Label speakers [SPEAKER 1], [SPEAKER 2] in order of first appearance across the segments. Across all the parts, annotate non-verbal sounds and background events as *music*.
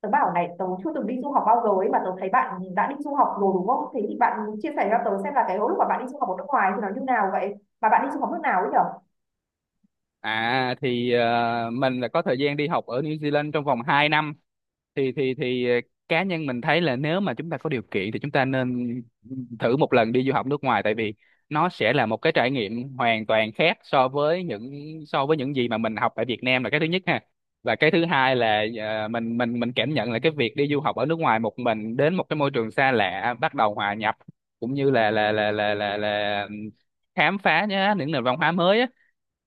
[SPEAKER 1] Tớ bảo này, tớ chưa từng đi du học bao giờ ấy mà tớ thấy bạn đã đi du học rồi đúng không? Thế thì bạn chia sẻ cho tớ xem là cái lúc mà bạn đi du học ở nước ngoài thì nó như nào vậy? Mà bạn đi du học nước nào ấy nhở?
[SPEAKER 2] À thì mình là có thời gian đi học ở New Zealand trong vòng 2 năm. Thì cá nhân mình thấy là nếu mà chúng ta có điều kiện thì chúng ta nên thử một lần đi du học nước ngoài, tại vì nó sẽ là một cái trải nghiệm hoàn toàn khác so với những gì mà mình học ở Việt Nam, là cái thứ nhất ha. Và cái thứ hai là mình cảm nhận là cái việc đi du học ở nước ngoài một mình, đến một cái môi trường xa lạ, bắt đầu hòa nhập cũng như là khám phá nhá, những nền văn hóa mới á,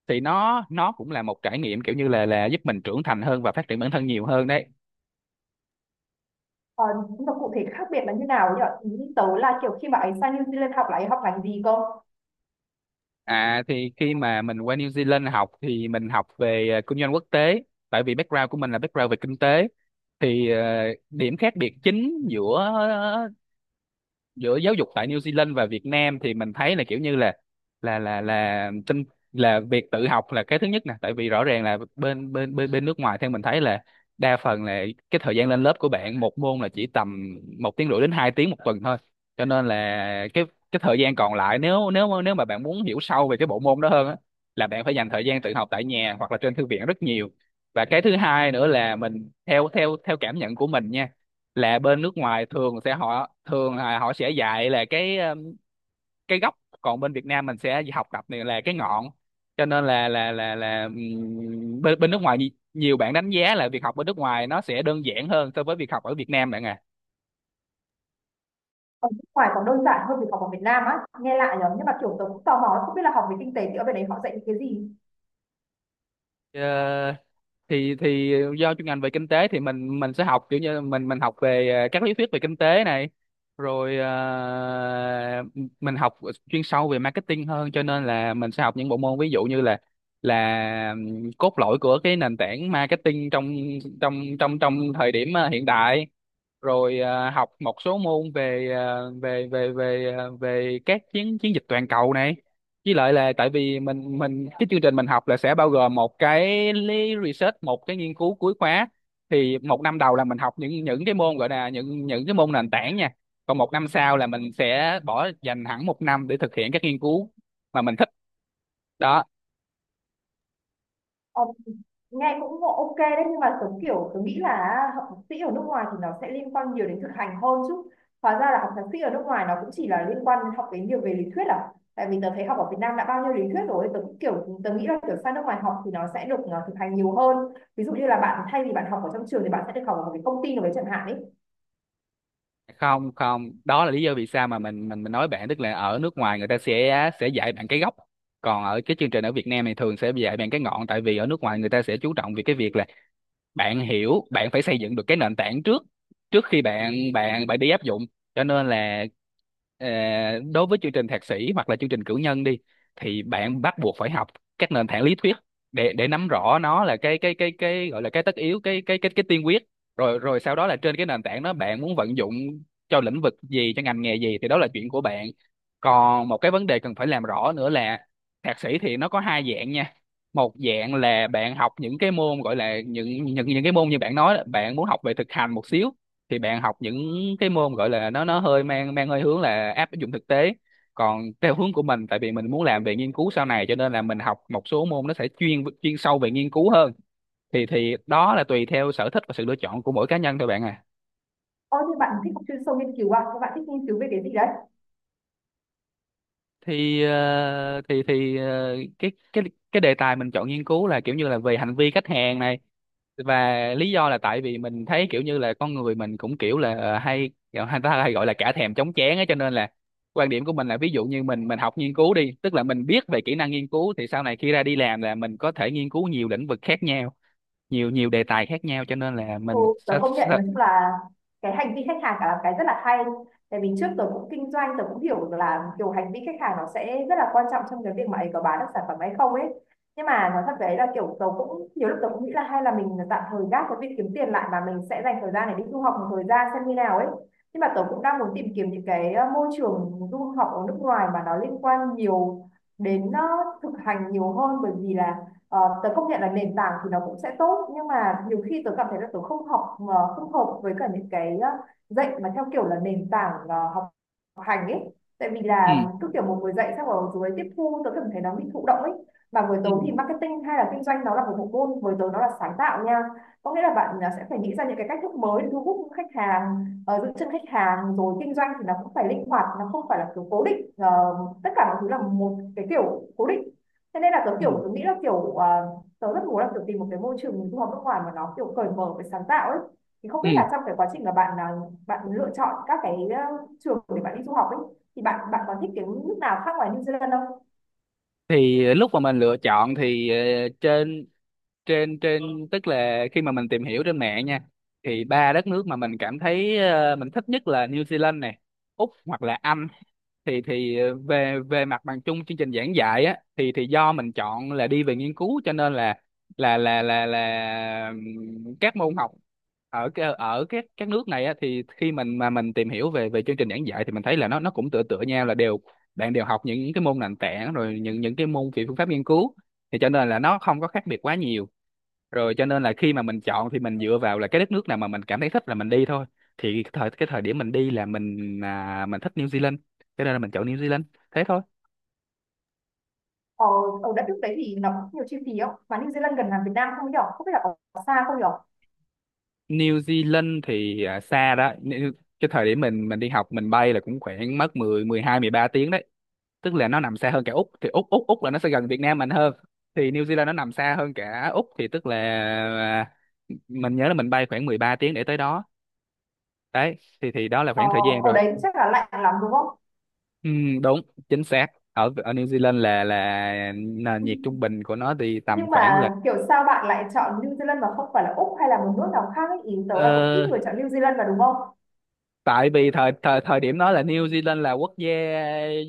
[SPEAKER 2] thì nó cũng là một trải nghiệm kiểu như là giúp mình trưởng thành hơn và phát triển bản thân nhiều hơn đấy.
[SPEAKER 1] Ờ, nhưng mà cụ thể khác biệt là như nào ấy nhở? Ý tớ là kiểu khi mà ấy sang New Zealand học là ấy học ngành gì cơ?
[SPEAKER 2] À thì khi mà mình qua New Zealand học thì mình học về kinh doanh quốc tế, tại vì background của mình là background về kinh tế. Thì điểm khác biệt chính giữa giữa giáo dục tại New Zealand và Việt Nam thì mình thấy là kiểu như là là là tinh là việc tự học là cái thứ nhất nè, tại vì rõ ràng là bên bên bên bên nước ngoài theo mình thấy là đa phần là cái thời gian lên lớp của bạn một môn là chỉ tầm 1 tiếng rưỡi đến 2 tiếng một tuần thôi. Cho nên là cái cái thời gian còn lại, nếu nếu nếu mà bạn muốn hiểu sâu về cái bộ môn đó hơn á, là bạn phải dành thời gian tự học tại nhà hoặc là trên thư viện rất nhiều. Và cái thứ hai nữa là mình theo theo theo cảm nhận của mình nha, là bên nước ngoài thường sẽ họ thường là họ sẽ dạy là cái gốc, còn bên Việt Nam mình sẽ học tập này là cái ngọn. Cho nên là bên bên nước ngoài, nhiều bạn đánh giá là việc học bên nước ngoài nó sẽ đơn giản hơn so với việc học ở Việt Nam bạn à.
[SPEAKER 1] Ở nước ngoài còn đơn giản hơn việc học ở Việt Nam á, nghe lạ nhở? Nhưng mà kiểu tớ cũng tò mò không biết là học về kinh tế thì ở bên đấy họ dạy những cái gì?
[SPEAKER 2] Ờ, thì do chuyên ngành về kinh tế thì mình sẽ học kiểu như mình học về các lý thuyết về kinh tế này, rồi mình học chuyên sâu về marketing hơn. Cho nên là mình sẽ học những bộ môn ví dụ như là cốt lõi của cái nền tảng marketing trong trong trong trong thời điểm hiện đại, rồi học một số môn về à, về về về à, về các chiến chiến dịch toàn cầu này. Với lại là tại vì mình cái chương trình mình học là sẽ bao gồm một cái nghiên cứu cuối khóa. Thì một năm đầu là mình học những cái môn gọi là những cái môn nền tảng nha, còn một năm sau là mình sẽ dành hẳn một năm để thực hiện các nghiên cứu mà mình thích đó.
[SPEAKER 1] Ờ, nghe cũng ok đấy, nhưng mà tớ kiểu tớ nghĩ là học thạc sĩ ở nước ngoài thì nó sẽ liên quan nhiều đến thực hành hơn chứ. Hóa ra là học thạc sĩ ở nước ngoài nó cũng chỉ là liên quan đến học đến nhiều về lý thuyết à? Tại vì tớ thấy học ở Việt Nam đã bao nhiêu lý thuyết rồi, tớ cũng kiểu tớ nghĩ là kiểu sang nước ngoài học thì nó sẽ được thực hành nhiều hơn. Ví dụ như là bạn thay vì bạn học ở trong trường thì bạn sẽ được học ở một cái công ty nào đấy chẳng hạn ấy.
[SPEAKER 2] Không, không, đó là lý do vì sao mà mình nói bạn, tức là ở nước ngoài người ta sẽ dạy bạn cái gốc, còn ở cái chương trình ở Việt Nam này thường sẽ dạy bạn cái ngọn. Tại vì ở nước ngoài người ta sẽ chú trọng về cái việc là bạn hiểu, bạn phải xây dựng được cái nền tảng trước trước khi bạn bạn bạn đi áp dụng. Cho nên là ờ, đối với chương trình thạc sĩ hoặc là chương trình cử nhân đi, thì bạn bắt buộc phải học các nền tảng lý thuyết để nắm rõ. Nó là cái gọi là cái tất yếu, cái tiên quyết. Rồi rồi sau đó là trên cái nền tảng đó bạn muốn vận dụng cho lĩnh vực gì, cho ngành nghề gì thì đó là chuyện của bạn. Còn một cái vấn đề cần phải làm rõ nữa là thạc sĩ thì nó có hai dạng nha. Một dạng là bạn học những cái môn gọi là những cái môn như bạn nói đó, bạn muốn học về thực hành một xíu thì bạn học những cái môn gọi là nó hơi mang mang hơi hướng là áp dụng thực tế. Còn theo hướng của mình, tại vì mình muốn làm về nghiên cứu sau này cho nên là mình học một số môn nó sẽ chuyên chuyên sâu về nghiên cứu hơn. Thì đó là tùy theo sở thích và sự lựa chọn của mỗi cá nhân thôi bạn à.
[SPEAKER 1] Ôi thế bạn thích học chuyên sâu nghiên cứu à? Thế bạn thích nghiên cứu về cái gì đấy?
[SPEAKER 2] Thì ờ, thì thì ờ, cái cái cái đề tài mình chọn nghiên cứu là kiểu như là về hành vi khách hàng này. Và lý do là tại vì mình thấy kiểu như là con người mình cũng kiểu là hay kiểu hay ta hay gọi là cả thèm chóng chán ấy, cho nên là quan điểm của mình là ví dụ như mình học nghiên cứu đi, tức là mình biết về kỹ năng nghiên cứu thì sau này khi ra đi làm là mình có thể nghiên cứu nhiều lĩnh vực khác nhau, nhiều nhiều đề tài khác nhau. Cho nên là
[SPEAKER 1] Ừ,
[SPEAKER 2] mình
[SPEAKER 1] tớ
[SPEAKER 2] sa-
[SPEAKER 1] công nhận
[SPEAKER 2] sa-
[SPEAKER 1] nói chung là cái hành vi khách hàng cả là cái rất là hay, tại vì trước tớ cũng kinh doanh tớ cũng hiểu được là kiểu hành vi khách hàng nó sẽ rất là quan trọng trong cái việc mà ấy có bán được sản phẩm hay không ấy. Nhưng mà nói thật đấy là kiểu tớ cũng nhiều lúc tớ cũng nghĩ là hay là mình tạm thời gác cái việc kiếm tiền lại và mình sẽ dành thời gian để đi du học một thời gian xem như nào ấy. Nhưng mà tớ cũng đang muốn tìm kiếm những cái môi trường du học ở nước ngoài mà nó liên quan nhiều đến thực hành nhiều hơn, bởi vì là Ờ, tớ công nhận là nền tảng thì nó cũng sẽ tốt, nhưng mà nhiều khi tớ cảm thấy là tớ không học không hợp với cả những cái dạy mà theo kiểu là nền tảng học học hành ấy. Tại vì
[SPEAKER 2] Ừ,
[SPEAKER 1] là cứ kiểu một người dạy xong rồi rồi tiếp thu tớ cảm thấy nó bị thụ động ấy. Mà với tớ
[SPEAKER 2] ừ,
[SPEAKER 1] thì marketing hay là kinh doanh nó là một bộ môn, với tớ nó là sáng tạo nha. Có nghĩa là bạn sẽ phải nghĩ ra những cái cách thức mới để thu hút khách hàng, giữ chân khách hàng, rồi kinh doanh thì nó cũng phải linh hoạt, nó không phải là kiểu cố định, tất cả mọi thứ là một cái kiểu cố định. Thế nên là tớ
[SPEAKER 2] ừ,
[SPEAKER 1] kiểu tớ nghĩ là kiểu à, tớ rất muốn là kiểu tìm một cái môi trường du học nước ngoài mà nó kiểu cởi mở với sáng tạo ấy. Thì không biết
[SPEAKER 2] ừ.
[SPEAKER 1] là trong cái quá trình mà bạn à, bạn lựa chọn các cái à, trường để bạn đi du học ấy, thì bạn bạn có thích cái nước nào khác ngoài New Zealand không?
[SPEAKER 2] Thì lúc mà mình lựa chọn thì ờ, trên trên trên tức là khi mà mình tìm hiểu trên mạng nha, thì ba đất nước mà mình cảm thấy mình thích nhất là New Zealand này, Úc hoặc là Anh. Thì thì ờ, về về mặt bằng chung chương trình giảng dạy á, thì do mình chọn là đi về nghiên cứu cho nên là các môn học ở các các nước này á, thì khi mình mà mình tìm hiểu về về chương trình giảng dạy thì mình thấy là nó cũng tựa tựa nhau, là đều bạn đều học những cái môn nền tảng rồi những cái môn về phương pháp nghiên cứu. Thì cho nên là nó không có khác biệt quá nhiều. Rồi cho nên là khi mà mình chọn thì mình dựa vào là cái đất nước nào mà mình cảm thấy thích là mình đi thôi. Thì cái thời điểm mình đi là mình mình thích New Zealand cho nên là mình chọn New Zealand thế thôi.
[SPEAKER 1] Ở ở đất nước đấy thì nó có nhiều chi phí không, mà New Zealand gần hàng Việt Nam không nhỉ, không biết là có xa không nhỉ?
[SPEAKER 2] New Zealand thì xa đó. Cái thời điểm mình đi học mình bay là cũng khoảng mất 10, 12, 13 tiếng đấy. Tức là nó nằm xa hơn cả Úc. Thì Úc Úc Úc là nó sẽ gần Việt Nam mình hơn. Thì New Zealand nó nằm xa hơn cả Úc, thì tức là à, mình nhớ là mình bay khoảng 13 tiếng để tới đó đấy. Thì đó là
[SPEAKER 1] ờ,
[SPEAKER 2] khoảng thời gian
[SPEAKER 1] Ở
[SPEAKER 2] rồi.
[SPEAKER 1] đấy chắc là lạnh lắm đúng không?
[SPEAKER 2] Ừ, đúng, chính xác. Ở ở New Zealand là nền nhiệt trung
[SPEAKER 1] *laughs*
[SPEAKER 2] bình của nó thì tầm
[SPEAKER 1] Nhưng
[SPEAKER 2] khoảng là.
[SPEAKER 1] mà kiểu sao bạn lại chọn New Zealand mà không phải là Úc hay là một nước nào khác ấy? Ý tớ là cũng ít
[SPEAKER 2] ờ,
[SPEAKER 1] người chọn New Zealand mà đúng không?
[SPEAKER 2] tại vì thời thời thời điểm đó là New Zealand là quốc gia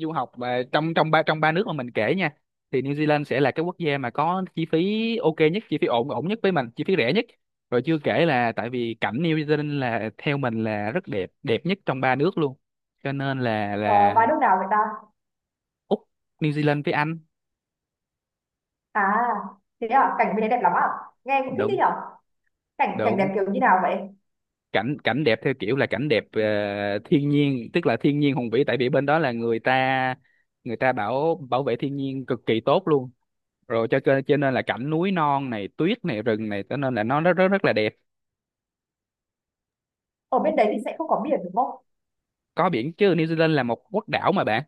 [SPEAKER 2] du học mà trong trong ba nước mà mình kể nha, thì New Zealand sẽ là cái quốc gia mà có chi phí ok nhất, chi phí ổn ổn nhất với mình, chi phí rẻ nhất. Rồi chưa kể là tại vì cảnh New Zealand là theo mình là rất đẹp, đẹp nhất trong ba nước luôn, cho nên là
[SPEAKER 1] Ờ, và
[SPEAKER 2] là
[SPEAKER 1] nước nào vậy ta?
[SPEAKER 2] Úc, New Zealand với Anh.
[SPEAKER 1] À, thế à, cảnh bên đấy đẹp lắm à? Nghe cũng thích đấy
[SPEAKER 2] Đúng,
[SPEAKER 1] nhở? Cảnh cảnh
[SPEAKER 2] đúng.
[SPEAKER 1] đẹp kiểu như nào vậy?
[SPEAKER 2] Cảnh cảnh đẹp theo kiểu là cảnh đẹp thiên nhiên, tức là thiên nhiên hùng vĩ. Tại vì bên đó là người ta bảo bảo vệ thiên nhiên cực kỳ tốt luôn. Rồi cho nên là cảnh núi non này, tuyết này, rừng này, cho nên là nó rất rất rất là đẹp.
[SPEAKER 1] Ở bên đấy thì sẽ không có biển đúng không?
[SPEAKER 2] Có biển chứ, New Zealand là một quốc đảo mà bạn.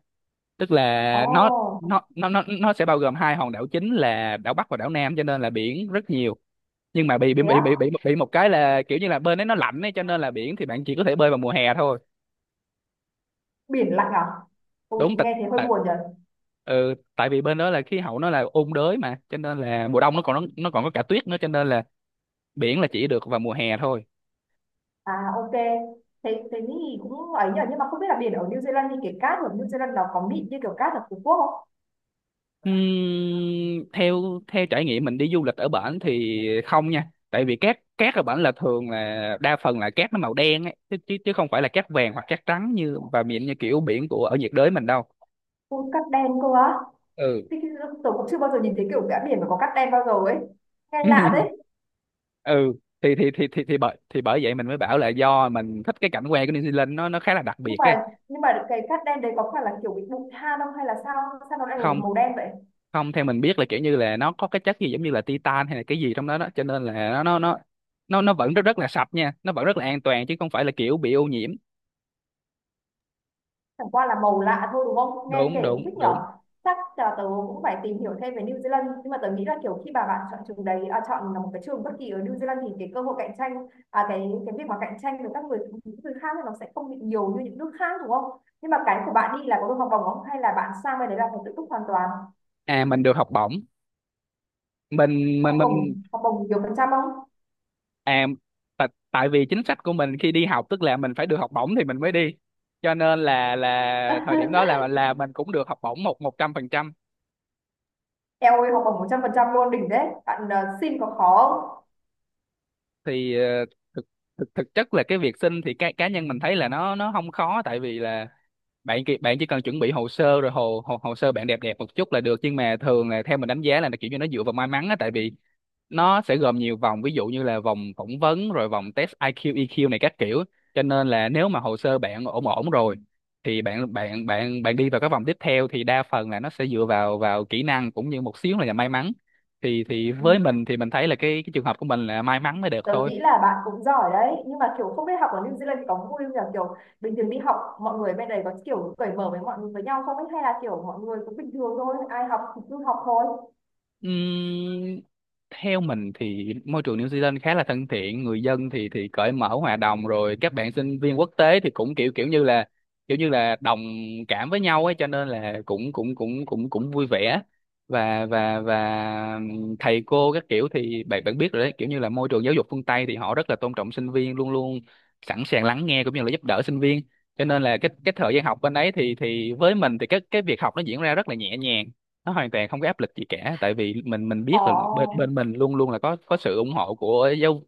[SPEAKER 2] Tức là nó
[SPEAKER 1] Ồ,
[SPEAKER 2] nó nó nó nó sẽ bao gồm hai hòn đảo chính là đảo Bắc và đảo Nam, cho nên là biển rất nhiều. Nhưng mà bị bị
[SPEAKER 1] thế
[SPEAKER 2] bị
[SPEAKER 1] á,
[SPEAKER 2] bị bị bị một cái là kiểu như là bên đấy nó lạnh ấy, cho nên là biển thì bạn chỉ có thể bơi vào mùa hè thôi.
[SPEAKER 1] biển lặng à? Ồ,
[SPEAKER 2] Đúng. tại
[SPEAKER 1] nghe thế hơi
[SPEAKER 2] tại
[SPEAKER 1] buồn nhở?
[SPEAKER 2] ừ, tại vì bên đó là khí hậu nó là ôn đới mà, cho nên là mùa đông nó còn có cả tuyết nữa, cho nên là biển là chỉ được vào mùa hè thôi.
[SPEAKER 1] À, ok. Thế thế thì cũng ấy nhở, nhưng mà không biết là biển ở New Zealand thì cái cát ở New Zealand nó có mịn như kiểu cát ở Phú Quốc không?
[SPEAKER 2] Theo theo trải nghiệm mình đi du lịch ở bển thì không nha, tại vì cát cát ở bển là thường là đa phần là cát nó màu đen ấy, chứ chứ chứ không phải là cát vàng hoặc cát trắng như và miệng như kiểu biển của ở nhiệt đới mình đâu.
[SPEAKER 1] Ôi, cát đen cơ á.
[SPEAKER 2] Ừ.
[SPEAKER 1] Thế thì, tôi cũng chưa bao giờ nhìn thấy kiểu cả biển mà có cát đen bao giờ ấy. Nghe lạ
[SPEAKER 2] *laughs*
[SPEAKER 1] đấy.
[SPEAKER 2] Ừ, thì bởi vậy mình mới bảo là do mình thích cái cảnh quan của New Zealand nó khá là đặc
[SPEAKER 1] Nhưng
[SPEAKER 2] biệt ấy.
[SPEAKER 1] mà nhưng mà cái cát đen đấy có phải là kiểu bị bụi than không hay là sao? Sao nó lại
[SPEAKER 2] Không,
[SPEAKER 1] màu đen vậy?
[SPEAKER 2] không, theo mình biết là kiểu như là nó có cái chất gì giống như là titan hay là cái gì trong đó đó, cho nên là nó nó nó nó vẫn rất rất là sạch nha, nó vẫn rất là an toàn chứ không phải là kiểu bị ô nhiễm.
[SPEAKER 1] Chẳng qua là màu lạ thôi đúng không, nghe
[SPEAKER 2] Đúng,
[SPEAKER 1] kể cũng
[SPEAKER 2] đúng,
[SPEAKER 1] thích nhở?
[SPEAKER 2] đúng.
[SPEAKER 1] Chắc là tớ cũng phải tìm hiểu thêm về New Zealand, nhưng mà tớ nghĩ là kiểu khi mà bạn chọn trường đấy à, chọn một cái trường bất kỳ ở New Zealand thì cái cơ hội cạnh tranh à, cái việc mà cạnh tranh với các người những người khác thì nó sẽ không bị nhiều như những nước khác đúng không? Nhưng mà cái của bạn đi là có được học bổng không hay là bạn sang bên đấy là phải tự túc hoàn toàn?
[SPEAKER 2] À, mình được học bổng.
[SPEAKER 1] học bổng
[SPEAKER 2] Mình
[SPEAKER 1] học bổng nhiều phần trăm không?
[SPEAKER 2] À, tại vì chính sách của mình khi đi học tức là mình phải được học bổng thì mình mới đi, cho nên là thời điểm đó
[SPEAKER 1] *laughs*
[SPEAKER 2] là mình cũng được học bổng một một trăm phần trăm.
[SPEAKER 1] Eo ơi học bổng 100% luôn, đỉnh đấy bạn, xin có khó không?
[SPEAKER 2] Thì thực thực thực chất là cái việc xin thì cá cá nhân mình thấy là nó không khó, tại vì là bạn chỉ cần chuẩn bị hồ sơ, rồi hồ, hồ hồ sơ bạn đẹp đẹp một chút là được. Nhưng mà thường là theo mình đánh giá là nó kiểu như nó dựa vào may mắn á, tại vì nó sẽ gồm nhiều vòng, ví dụ như là vòng phỏng vấn rồi vòng test IQ EQ này các kiểu. Cho nên là nếu mà hồ sơ bạn ổn ổn rồi thì bạn bạn bạn bạn đi vào các vòng tiếp theo thì đa phần là nó sẽ dựa vào vào kỹ năng cũng như một xíu là may mắn. Thì
[SPEAKER 1] Ừ,
[SPEAKER 2] với mình thì mình thấy là cái trường hợp của mình là may mắn mới được
[SPEAKER 1] tớ
[SPEAKER 2] thôi.
[SPEAKER 1] nghĩ là bạn cũng giỏi đấy. Nhưng mà kiểu không biết học ở New Zealand thì có vui không nhỉ? Kiểu bình thường đi học mọi người bên đấy có kiểu cởi mở với mọi người với nhau không ấy, hay là kiểu mọi người cũng bình thường thôi, ai học thì cứ học thôi?
[SPEAKER 2] Ừm, theo mình thì môi trường New Zealand khá là thân thiện, người dân thì cởi mở, hòa đồng, rồi các bạn sinh viên quốc tế thì cũng kiểu kiểu như là đồng cảm với nhau ấy, cho nên là cũng cũng cũng cũng cũng vui vẻ. Và thầy cô các kiểu thì bạn bạn biết rồi đấy, kiểu như là môi trường giáo dục phương Tây thì họ rất là tôn trọng sinh viên, luôn luôn sẵn sàng lắng nghe cũng như là giúp đỡ sinh viên. Cho nên là cái thời gian học bên ấy thì với mình thì cái việc học nó diễn ra rất là nhẹ nhàng, nó hoàn toàn không có áp lực gì cả, tại vì mình
[SPEAKER 1] Ờ,
[SPEAKER 2] biết là bên bên mình luôn luôn là có sự ủng hộ của giáo,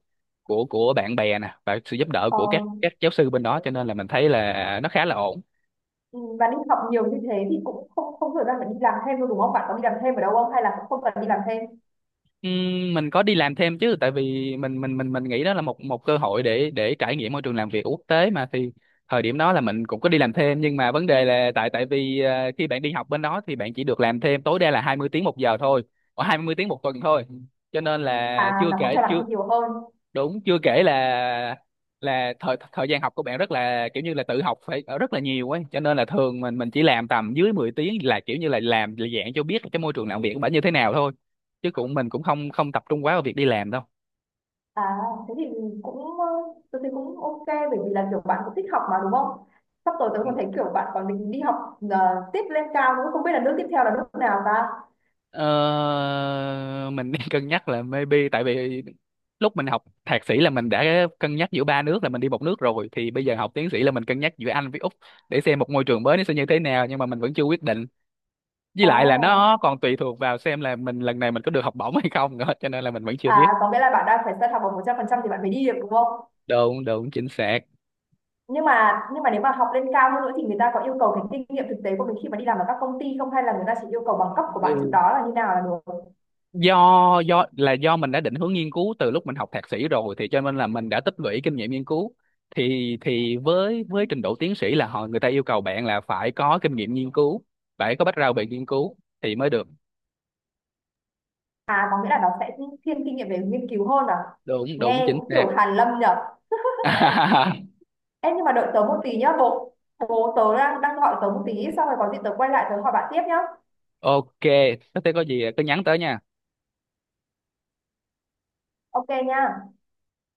[SPEAKER 2] của bạn bè nè và sự giúp đỡ
[SPEAKER 1] ờ,
[SPEAKER 2] của các giáo sư bên đó, cho nên là mình thấy là nó khá là ổn.
[SPEAKER 1] ừ, và đi học nhiều như thế thì cũng không không thời gian phải đi làm thêm đâu đúng không? Bạn có đi làm thêm ở đâu không hay là cũng không cần đi làm thêm?
[SPEAKER 2] Mình có đi làm thêm chứ, tại vì mình nghĩ đó là một một cơ hội để trải nghiệm môi trường làm việc quốc tế mà. Thì thời điểm đó là mình cũng có đi làm thêm, nhưng mà vấn đề là tại tại vì khi bạn đi học bên đó thì bạn chỉ được làm thêm tối đa là 20 tiếng một giờ thôi, ở 20 tiếng một tuần thôi. Cho nên là
[SPEAKER 1] À
[SPEAKER 2] chưa
[SPEAKER 1] nó không
[SPEAKER 2] kể
[SPEAKER 1] cho làm
[SPEAKER 2] chưa
[SPEAKER 1] thêm nhiều hơn.
[SPEAKER 2] đúng, chưa kể là thời thời gian học của bạn rất là kiểu như là tự học phải ở rất là nhiều ấy, cho nên là thường mình chỉ làm tầm dưới 10 tiếng, là kiểu như là làm là dạng cho biết cái môi trường làm việc của bạn như thế nào thôi, chứ cũng mình cũng không không tập trung quá vào việc đi làm đâu.
[SPEAKER 1] À, thế thì cũng tôi thấy cũng ok, bởi vì là kiểu bạn cũng thích học mà đúng không? Sắp tới tôi
[SPEAKER 2] Ừ.
[SPEAKER 1] còn thấy kiểu bạn còn định đi học tiếp lên cao nữa, không biết là nước tiếp theo là nước nào ta?
[SPEAKER 2] Ờ, mình đang cân nhắc là maybe, tại vì lúc mình học thạc sĩ là mình đã cân nhắc giữa ba nước, là mình đi một nước rồi, thì bây giờ học tiến sĩ là mình cân nhắc giữa Anh với Úc để xem một môi trường mới nó sẽ như thế nào, nhưng mà mình vẫn chưa quyết định, với
[SPEAKER 1] À,
[SPEAKER 2] lại là nó còn tùy thuộc vào xem là mình lần này mình có được học bổng hay không nữa, cho nên là mình vẫn chưa
[SPEAKER 1] à
[SPEAKER 2] biết.
[SPEAKER 1] có nghĩa là bạn đang phải săn học bằng 100% thì bạn mới đi được đúng không?
[SPEAKER 2] Đúng, đúng, chính xác.
[SPEAKER 1] Nhưng mà nếu mà học lên cao hơn nữa thì người ta có yêu cầu cái kinh nghiệm thực tế của mình khi mà đi làm ở các công ty không, hay là người ta chỉ yêu cầu bằng cấp của bạn trước
[SPEAKER 2] Ừ.
[SPEAKER 1] đó là như nào là được?
[SPEAKER 2] Do là do mình đã định hướng nghiên cứu từ lúc mình học thạc sĩ rồi, thì cho nên là mình đã tích lũy kinh nghiệm nghiên cứu. Thì với trình độ tiến sĩ là họ người ta yêu cầu bạn là phải có kinh nghiệm nghiên cứu, phải có background về nghiên cứu thì mới được.
[SPEAKER 1] À có nghĩa là nó sẽ thiên kinh nghiệm về nghiên cứu hơn à?
[SPEAKER 2] Đúng, đúng,
[SPEAKER 1] Nghe
[SPEAKER 2] chính
[SPEAKER 1] cũng
[SPEAKER 2] xác.
[SPEAKER 1] kiểu hàn lâm nhở.
[SPEAKER 2] *laughs*
[SPEAKER 1] Em nhưng mà đợi tớ một tí nhá bố. Bố tớ đang gọi tớ một tí. Xong rồi có gì tớ quay lại tớ hỏi bạn tiếp nhá.
[SPEAKER 2] Ok, thế có gì cứ nhắn tới nha.
[SPEAKER 1] Ok nha.